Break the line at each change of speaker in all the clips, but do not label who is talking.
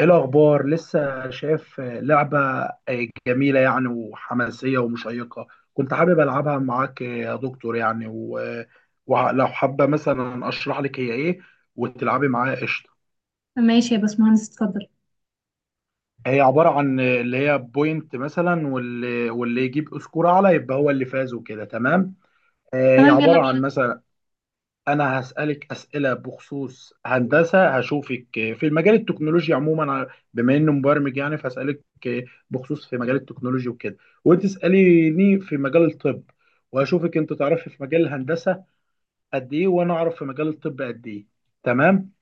ايه الاخبار؟ لسه شايف لعبه جميله يعني وحماسيه ومشيقه. كنت حابب العبها معاك يا دكتور يعني ولو حابه مثلا اشرح لك هي ايه وتلعبي معايا قشطه.
ماشي يا باشمهندس، اتفضل.
هي عباره عن اللي هي بوينت مثلا واللي يجيب سكور اعلى يبقى هو اللي فاز وكده تمام. هي
تمام، يلا
عباره عن
بينا.
مثلا. انا هسألك أسئلة بخصوص هندسة، هشوفك في المجال التكنولوجي عموما. بما انه مبرمج يعني فهسألك بخصوص في مجال التكنولوجي وكده، وانت اسأليني في مجال الطب. وهشوفك انت تعرفي في مجال الهندسة قد ايه، وانا اعرف في مجال الطب قد ايه. تمام.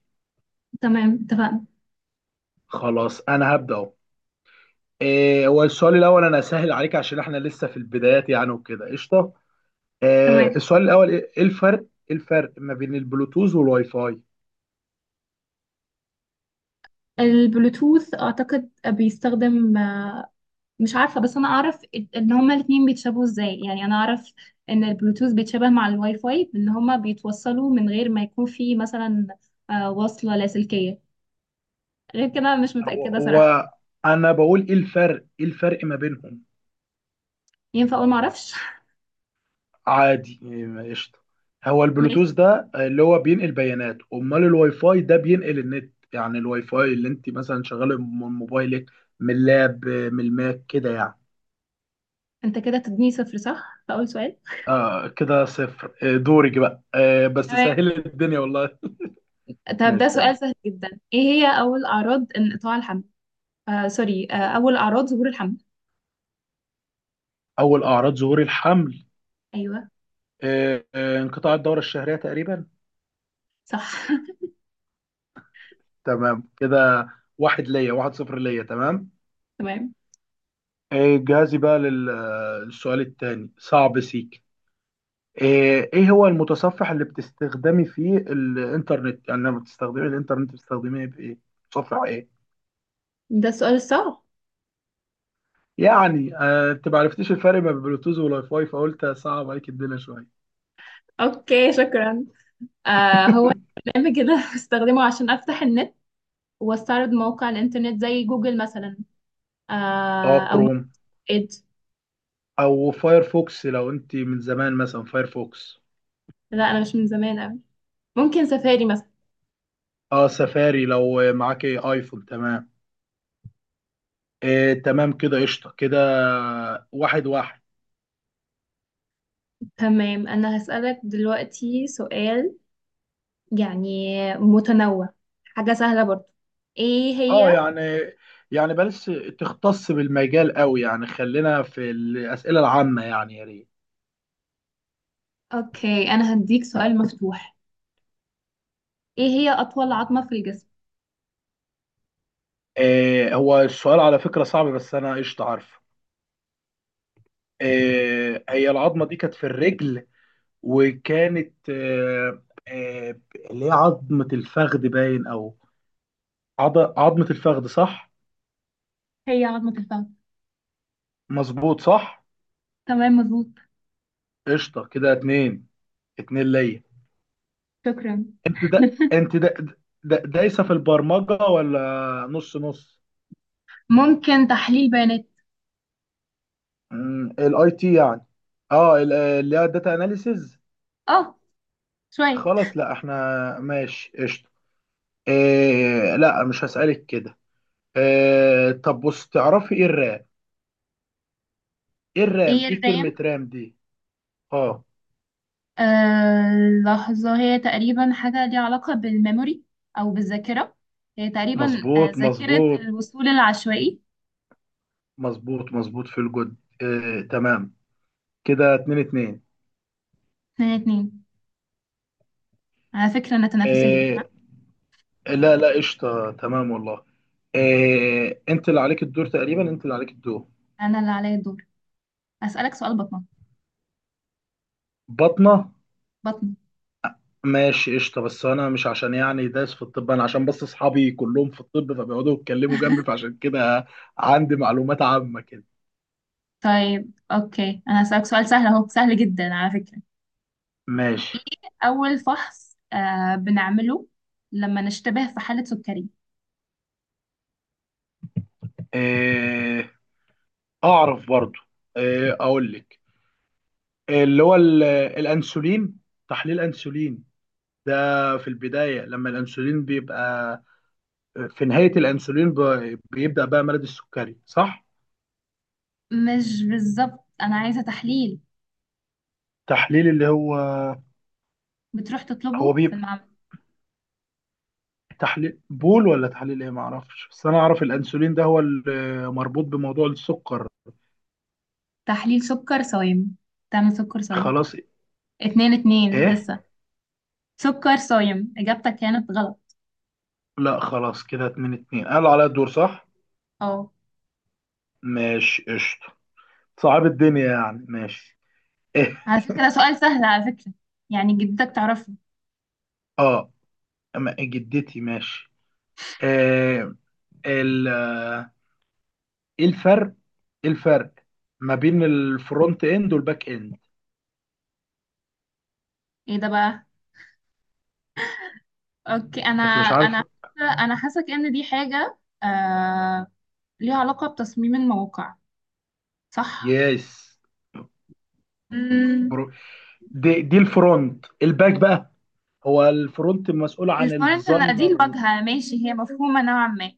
تمام، اتفقنا.
خلاص انا هبدأ اهو. هو السؤال الاول انا اسهل عليك عشان احنا لسه في البدايات يعني وكده قشطة.
تمام.
السؤال الاول ايه، إيه الفرق؟ إيه الفرق ما بين البلوتوث والواي فاي؟
البلوتوث اعتقد بيستخدم مش عارفة، بس انا اعرف ان هما الاتنين بيتشابهوا ازاي. يعني انا اعرف ان البلوتوث بيتشابه مع الواي فاي بان هما بيتوصلوا من غير ما يكون في مثلا وصلة لاسلكية. غير كده مش
هو
متأكدة صراحة.
هو انا بقول ايه الفرق ما بينهم.
ينفع اقول معرفش؟
عادي، قشطه. هو
ماشي.
البلوتوث ده اللي هو بينقل بيانات، امال الواي فاي ده بينقل النت. يعني الواي فاي اللي انت مثلا شغاله من موبايلك، من اللاب، من الماك كده يعني.
انت كده تديني صفر، صح؟ فاول سؤال.
آه، كده صفر. آه، دورك بقى. بس
تمام.
سهل الدنيا والله.
طب ده
ماشي
سؤال
تمام.
سهل جدا، ايه هي اول اعراض انقطاع الحمل؟ آه سوري، اول اعراض ظهور الحمل.
اول اعراض ظهور الحمل.
ايوه.
انقطاع الدوره الشهريه تقريبا.
صح.
تمام كده. واحد ليا، واحد صفر ليا تمام.
تمام.
جاهزي بقى للسؤال التاني صعب سيك. إيه هو المتصفح اللي بتستخدمي فيه الانترنت؟ يعني لما بتستخدمي الانترنت بتستخدميه بايه؟ متصفح ايه؟
ده السؤال الصعب.
يعني، انت ما عرفتيش الفرق بين بلوتوث والواي فاي فقلت صعب عليك الدنيا شويه.
اوكي، شكرا. هو برنامج كده. بستخدمه عشان افتح النت، واستعرض موقع الانترنت زي جوجل مثلا.
اه،
او
كروم.
ايد.
او فايرفوكس لو انت من زمان، مثلا فايرفوكس.
لا، انا مش من زمان قوي. ممكن سفاري مثلا.
اه، سفاري لو معاك ايفون. تمام. إيه، تمام كده قشطه كده. واحد واحد.
تمام، انا هسألك دلوقتي سؤال يعني متنوع، حاجة سهلة برضو. ايه
اه،
هي؟
يعني بلاش تختص بالمجال قوي يعني. خلينا في الأسئلة العامة يعني يا ريت.
اوكي، انا هديك سؤال مفتوح. ايه هي اطول عظمة في الجسم؟
هو السؤال على فكرة صعب، بس أنا قشطة عارفه. هي العظمة دي كانت في الرجل، وكانت آه اللي هي عظمة الفخذ باين، أو عظمة الفخذ صح؟
هي عظمة الفخذ.
مظبوط صح؟
تمام، مظبوط.
قشطة كده، اتنين. اتنين ليا.
شكرا.
انت ده انت ده ده. دايسة في البرمجة ولا نص نص؟
ممكن تحليل بيانات.
الاي تي يعني. اه، اللي هي الداتا اناليسز.
اه، شوية.
خلاص لا، احنا ماشي قشطه. إيه لا، مش هسألك كده. إيه، طب بص تعرفي ايه الرام؟ ايه الرام؟
ايه
ايه كلمة
الرام؟
رام دي؟ اه.
لحظة. هي تقريبا حاجة ليها علاقة بالميموري أو بالذاكرة. هي تقريبا
مظبوط
ذاكرة
مظبوط.
الوصول العشوائي.
مظبوط مظبوط في الجد. إيه تمام كده، اتنين اتنين.
اتنين اتنين. على فكرة أنا تنافسية، ها؟
إيه، لا لا، قشطه تمام والله. إيه، انت اللي عليك الدور تقريبا، انت اللي عليك الدور.
أنا اللي عليا الدور. أسألك سؤال بطنة.
بطنة.
بطنة.
ماشي قشطة، بس أنا مش عشان يعني دايس في الطب، أنا عشان بس أصحابي كلهم في الطب فبيقعدوا يتكلموا جنبي فعشان كده عندي معلومات عامة كده.
طيب أوكي، أنا هسألك سؤال سهل أهو، سهل جدا على فكرة.
ماشي.
أول فحص بنعمله لما نشتبه في حالة سكري.
إيه، أعرف برضو. إيه، أقول لك. اللي هو الأنسولين. تحليل أنسولين ده. في البداية لما الأنسولين بيبقى، في نهاية الأنسولين بيبدأ بقى مرض السكري صح؟
مش بالظبط، أنا عايزة تحليل
تحليل اللي هو.
بتروح
هو
تطلبه في
بيبقى
المعمل.
تحليل بول ولا تحليل ايه، ما اعرفش، بس انا اعرف الانسولين ده هو اللي مربوط بموضوع السكر.
تحليل سكر صايم. تعمل سكر صايم.
خلاص.
اتنين اتنين
ايه.
لسه. سكر صايم، إجابتك كانت غلط.
لا خلاص، كده اتنين اتنين، قالوا عليا الدور صح.
اه.
ماشي قشطة. صعب الدنيا يعني، ماشي. ايه.
على فكرة ده سؤال سهل على فكرة، يعني جدتك تعرفه.
اه. أما جدتي ماشي. آه ال آه، ايه الفرق ايه الفرق ما بين الفرونت اند والباك اند.
ايه ده بقى؟ اوكي،
انت مش عارف؟
انا انا حاسك ان دي حاجة آه... ليها علاقة بتصميم المواقع، صح؟
يس.
مم...
برو. دي الفرونت الباك بقى. هو الفرونت مسؤول عن
الفرونت، انا دي
الديزاينر.
الواجهة، ماشي، هي مفهومة نوعا ما.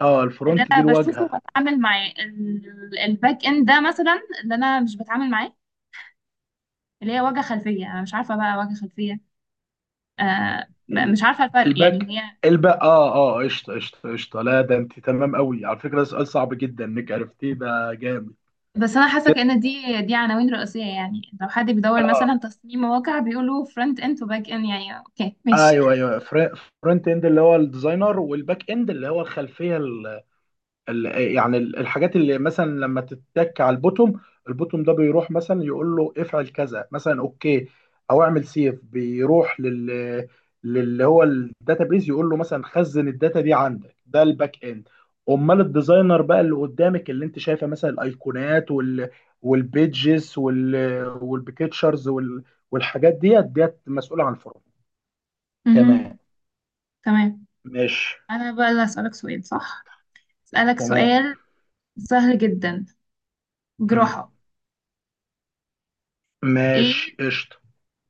اه،
اللي
الفرونت
انا
دي
بشوفه
الواجهه.
بتعامل معاه، الباك اند ده مثلا اللي انا مش بتعامل معاه، اللي هي واجهة خلفية. انا مش عارفة بقى واجهة خلفية.
ال-
مش عارفة الفرق يعني
الباك
هي.
الباك اه، قشطه قشطه قشطه. لا، ده انت تمام قوي على فكره، ده سؤال صعب جدا انك عرفتيه، ده جامد
بس أنا حاسة
كده.
كأن دي عناوين رئيسية، يعني لو حد بيدور مثلا تصميم مواقع بيقولوا فرونت اند وباك اند. يعني اوكي، ماشي.
ايوه ايوه. فرونت اند اللي هو الديزاينر، والباك اند اللي هو الخلفيه. يعني الحاجات اللي مثلا لما تتك على البوتوم، البوتوم ده بيروح مثلا يقول له افعل كذا مثلا اوكي. او اعمل سيف بيروح لل، للي هو الداتابيز يقول له مثلا خزن الداتا دي عندك، ده الباك اند. امال الديزاينر بقى اللي قدامك، اللي انت شايفه، مثلا الايقونات وال، والبيدجز وال، والبيكتشرز وال، والحاجات ديت ديت مسؤوله عن الفرونت.
مهم.
تمام.
تمام.
ماشي.
أنا بقى اللي هسألك سؤال، صح؟ أسألك
تمام.
سؤال سهل جدا.
مم.
جراحة.
ماشي
ايه؟
قشطه.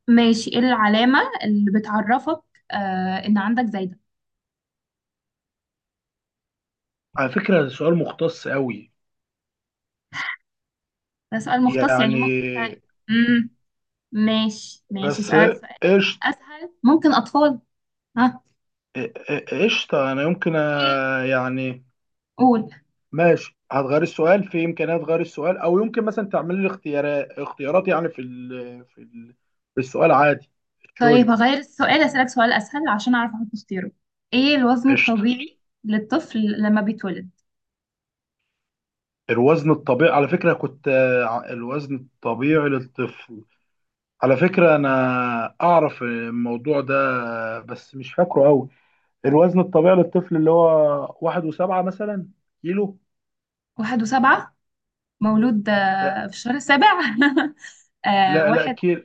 ماشي، ايه العلامة اللي بتعرفك إن عندك زايدة؟
على فكره ده سؤال مختص قوي
ده سؤال مختص يعني، ممكن.
يعني.
مم. ماشي ماشي،
بس
أسألك سؤال
قشط.
أسهل، ممكن أطفال. ها؟
قشطة أنا يمكن،
ايه؟
يعني
قول.
ماشي هتغير السؤال، في إمكانية تغير السؤال أو يمكن مثلا تعمل لي اختيارات اختيارات يعني في ال في السؤال عادي.
طيب
تشويس.
هغير السؤال، أسألك سؤال أسهل عشان أعرف أحط اختياره. إيه الوزن
قشطة.
الطبيعي للطفل لما بيتولد؟
الوزن الطبيعي على فكرة كنت، الوزن الطبيعي للطفل. على فكرة أنا أعرف الموضوع ده، بس مش فاكره أوي. الوزن الطبيعي للطفل اللي هو 1.7 مثلا كيلو.
واحد وسبعة. مولود
لا
في الشهر السابع؟
لا لا،
واحد
كيلو.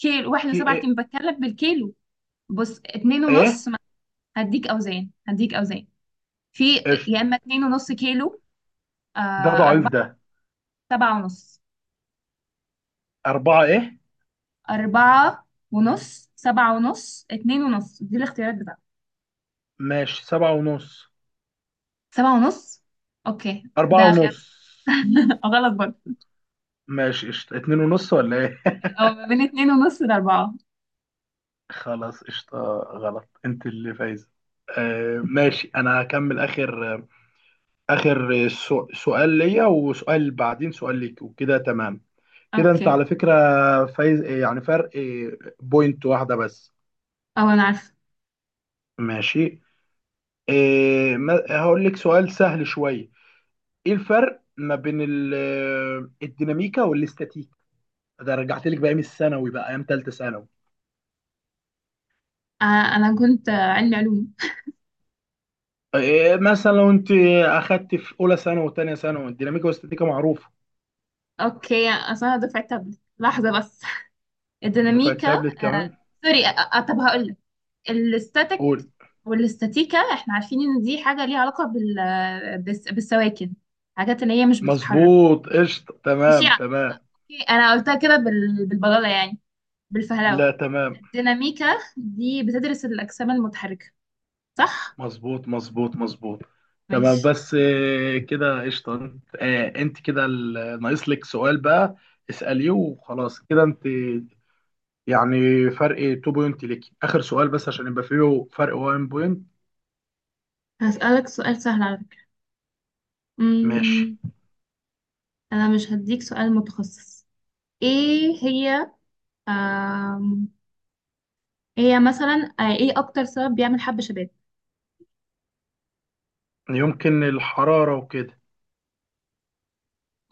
كيلو؟ واحد
كي،
وسبعة
ايه؟
كيلو، بتكلم بالكيلو. بص، اتنين
ايه؟
ونص هديك أوزان، هديك أوزان في.
قشطة.
يا إما اتنين ونص كيلو، آه،
ده ضعيف
أربعة،
ده.
سبعة ونص.
أربعة ايه؟
أربعة ونص، سبعة ونص، اتنين ونص، دي الاختيارات بتاعتك.
ماشي 7.5.
سبعة ونص. أوكي
أربعة
ده خيار.
ونص
غلط برضه.
ماشي قشطة، 2.5 ولا ايه؟
او ما بين اتنين ونص لاربعة.
خلاص قشطة غلط، انت اللي فايزة. ماشي انا هكمل اخر. اخر سؤال ليا وسؤال بعدين سؤال ليك وكده تمام. كده انت
اوكي.
على فكرة فايز، يعني فرق بوينت واحدة بس.
او انا عارفة.
ماشي. هقول لك سؤال سهل شوية. ايه الفرق ما بين الديناميكا والاستاتيكا؟ ده رجعت لك بايام الثانوي بقى، ايام ثالثه ثانوي.
انا كنت علمي علوم.
إيه مثلا لو انت اخدت في اولى ثانوي وثانيه ثانوي الديناميكا والاستاتيكا معروفه.
اوكي، اصل انا دفعة تابلت. لحظة بس.
دفعه
الديناميكا
تابلت كمان.
سوري. طب هقول لك الاستاتيك.
قول.
والاستاتيكا احنا عارفين ان دي حاجة ليها علاقة بالسواكن، حاجات اللي هي مش بتتحرك.
مظبوط قشطه
ماشي.
تمام تمام.
اوكي انا قلتها كده بالبلالة يعني،
لا
بالفهلوة.
تمام.
الديناميكا دي بتدرس الأجسام المتحركة، صح؟
مظبوط مظبوط مظبوط. تمام،
ماشي.
بس إيه كده قشطه. إيه انت كده ناقص لك سؤال بقى. اساليه وخلاص كده انت يعني فرق 2 بوينت ليك. اخر سؤال بس عشان يبقى فيه فرق 1 بوينت.
هسألك سؤال سهل على
ماشي.
فكرة، انا مش هديك سؤال متخصص. ايه هي؟ آم، إيه هي مثلا، ايه اكتر سبب بيعمل حب شباب؟
يمكن الحرارة وكده.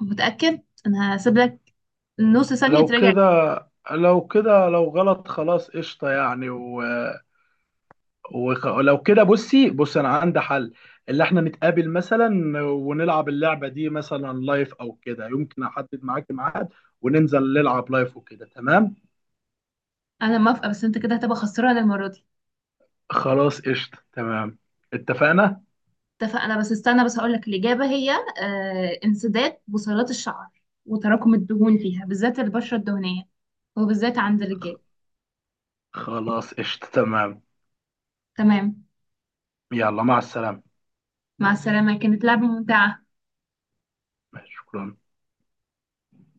متأكد؟ انا هسيب لك نص ثانية
لو
تراجع.
كده، لو كده لو غلط خلاص قشطة يعني لو كده بص انا عندي حل. اللي احنا نتقابل مثلا ونلعب اللعبة دي مثلا لايف او كده، يمكن احدد معاك ميعاد وننزل نلعب لايف وكده تمام.
انا موافقة، بس انت كده هتبقى خسران المرة دي.
خلاص قشطة تمام. اتفقنا.
اتفقنا. بس استنى، بس هقول لك الإجابة. هي انسداد بصيلات الشعر وتراكم الدهون فيها، بالذات البشرة الدهنية، وبالذات عند الرجال.
خلاص قشطة تمام.
تمام.
يلا مع السلامة.
مع السلامة، كانت لعبة ممتعة.
شكرا.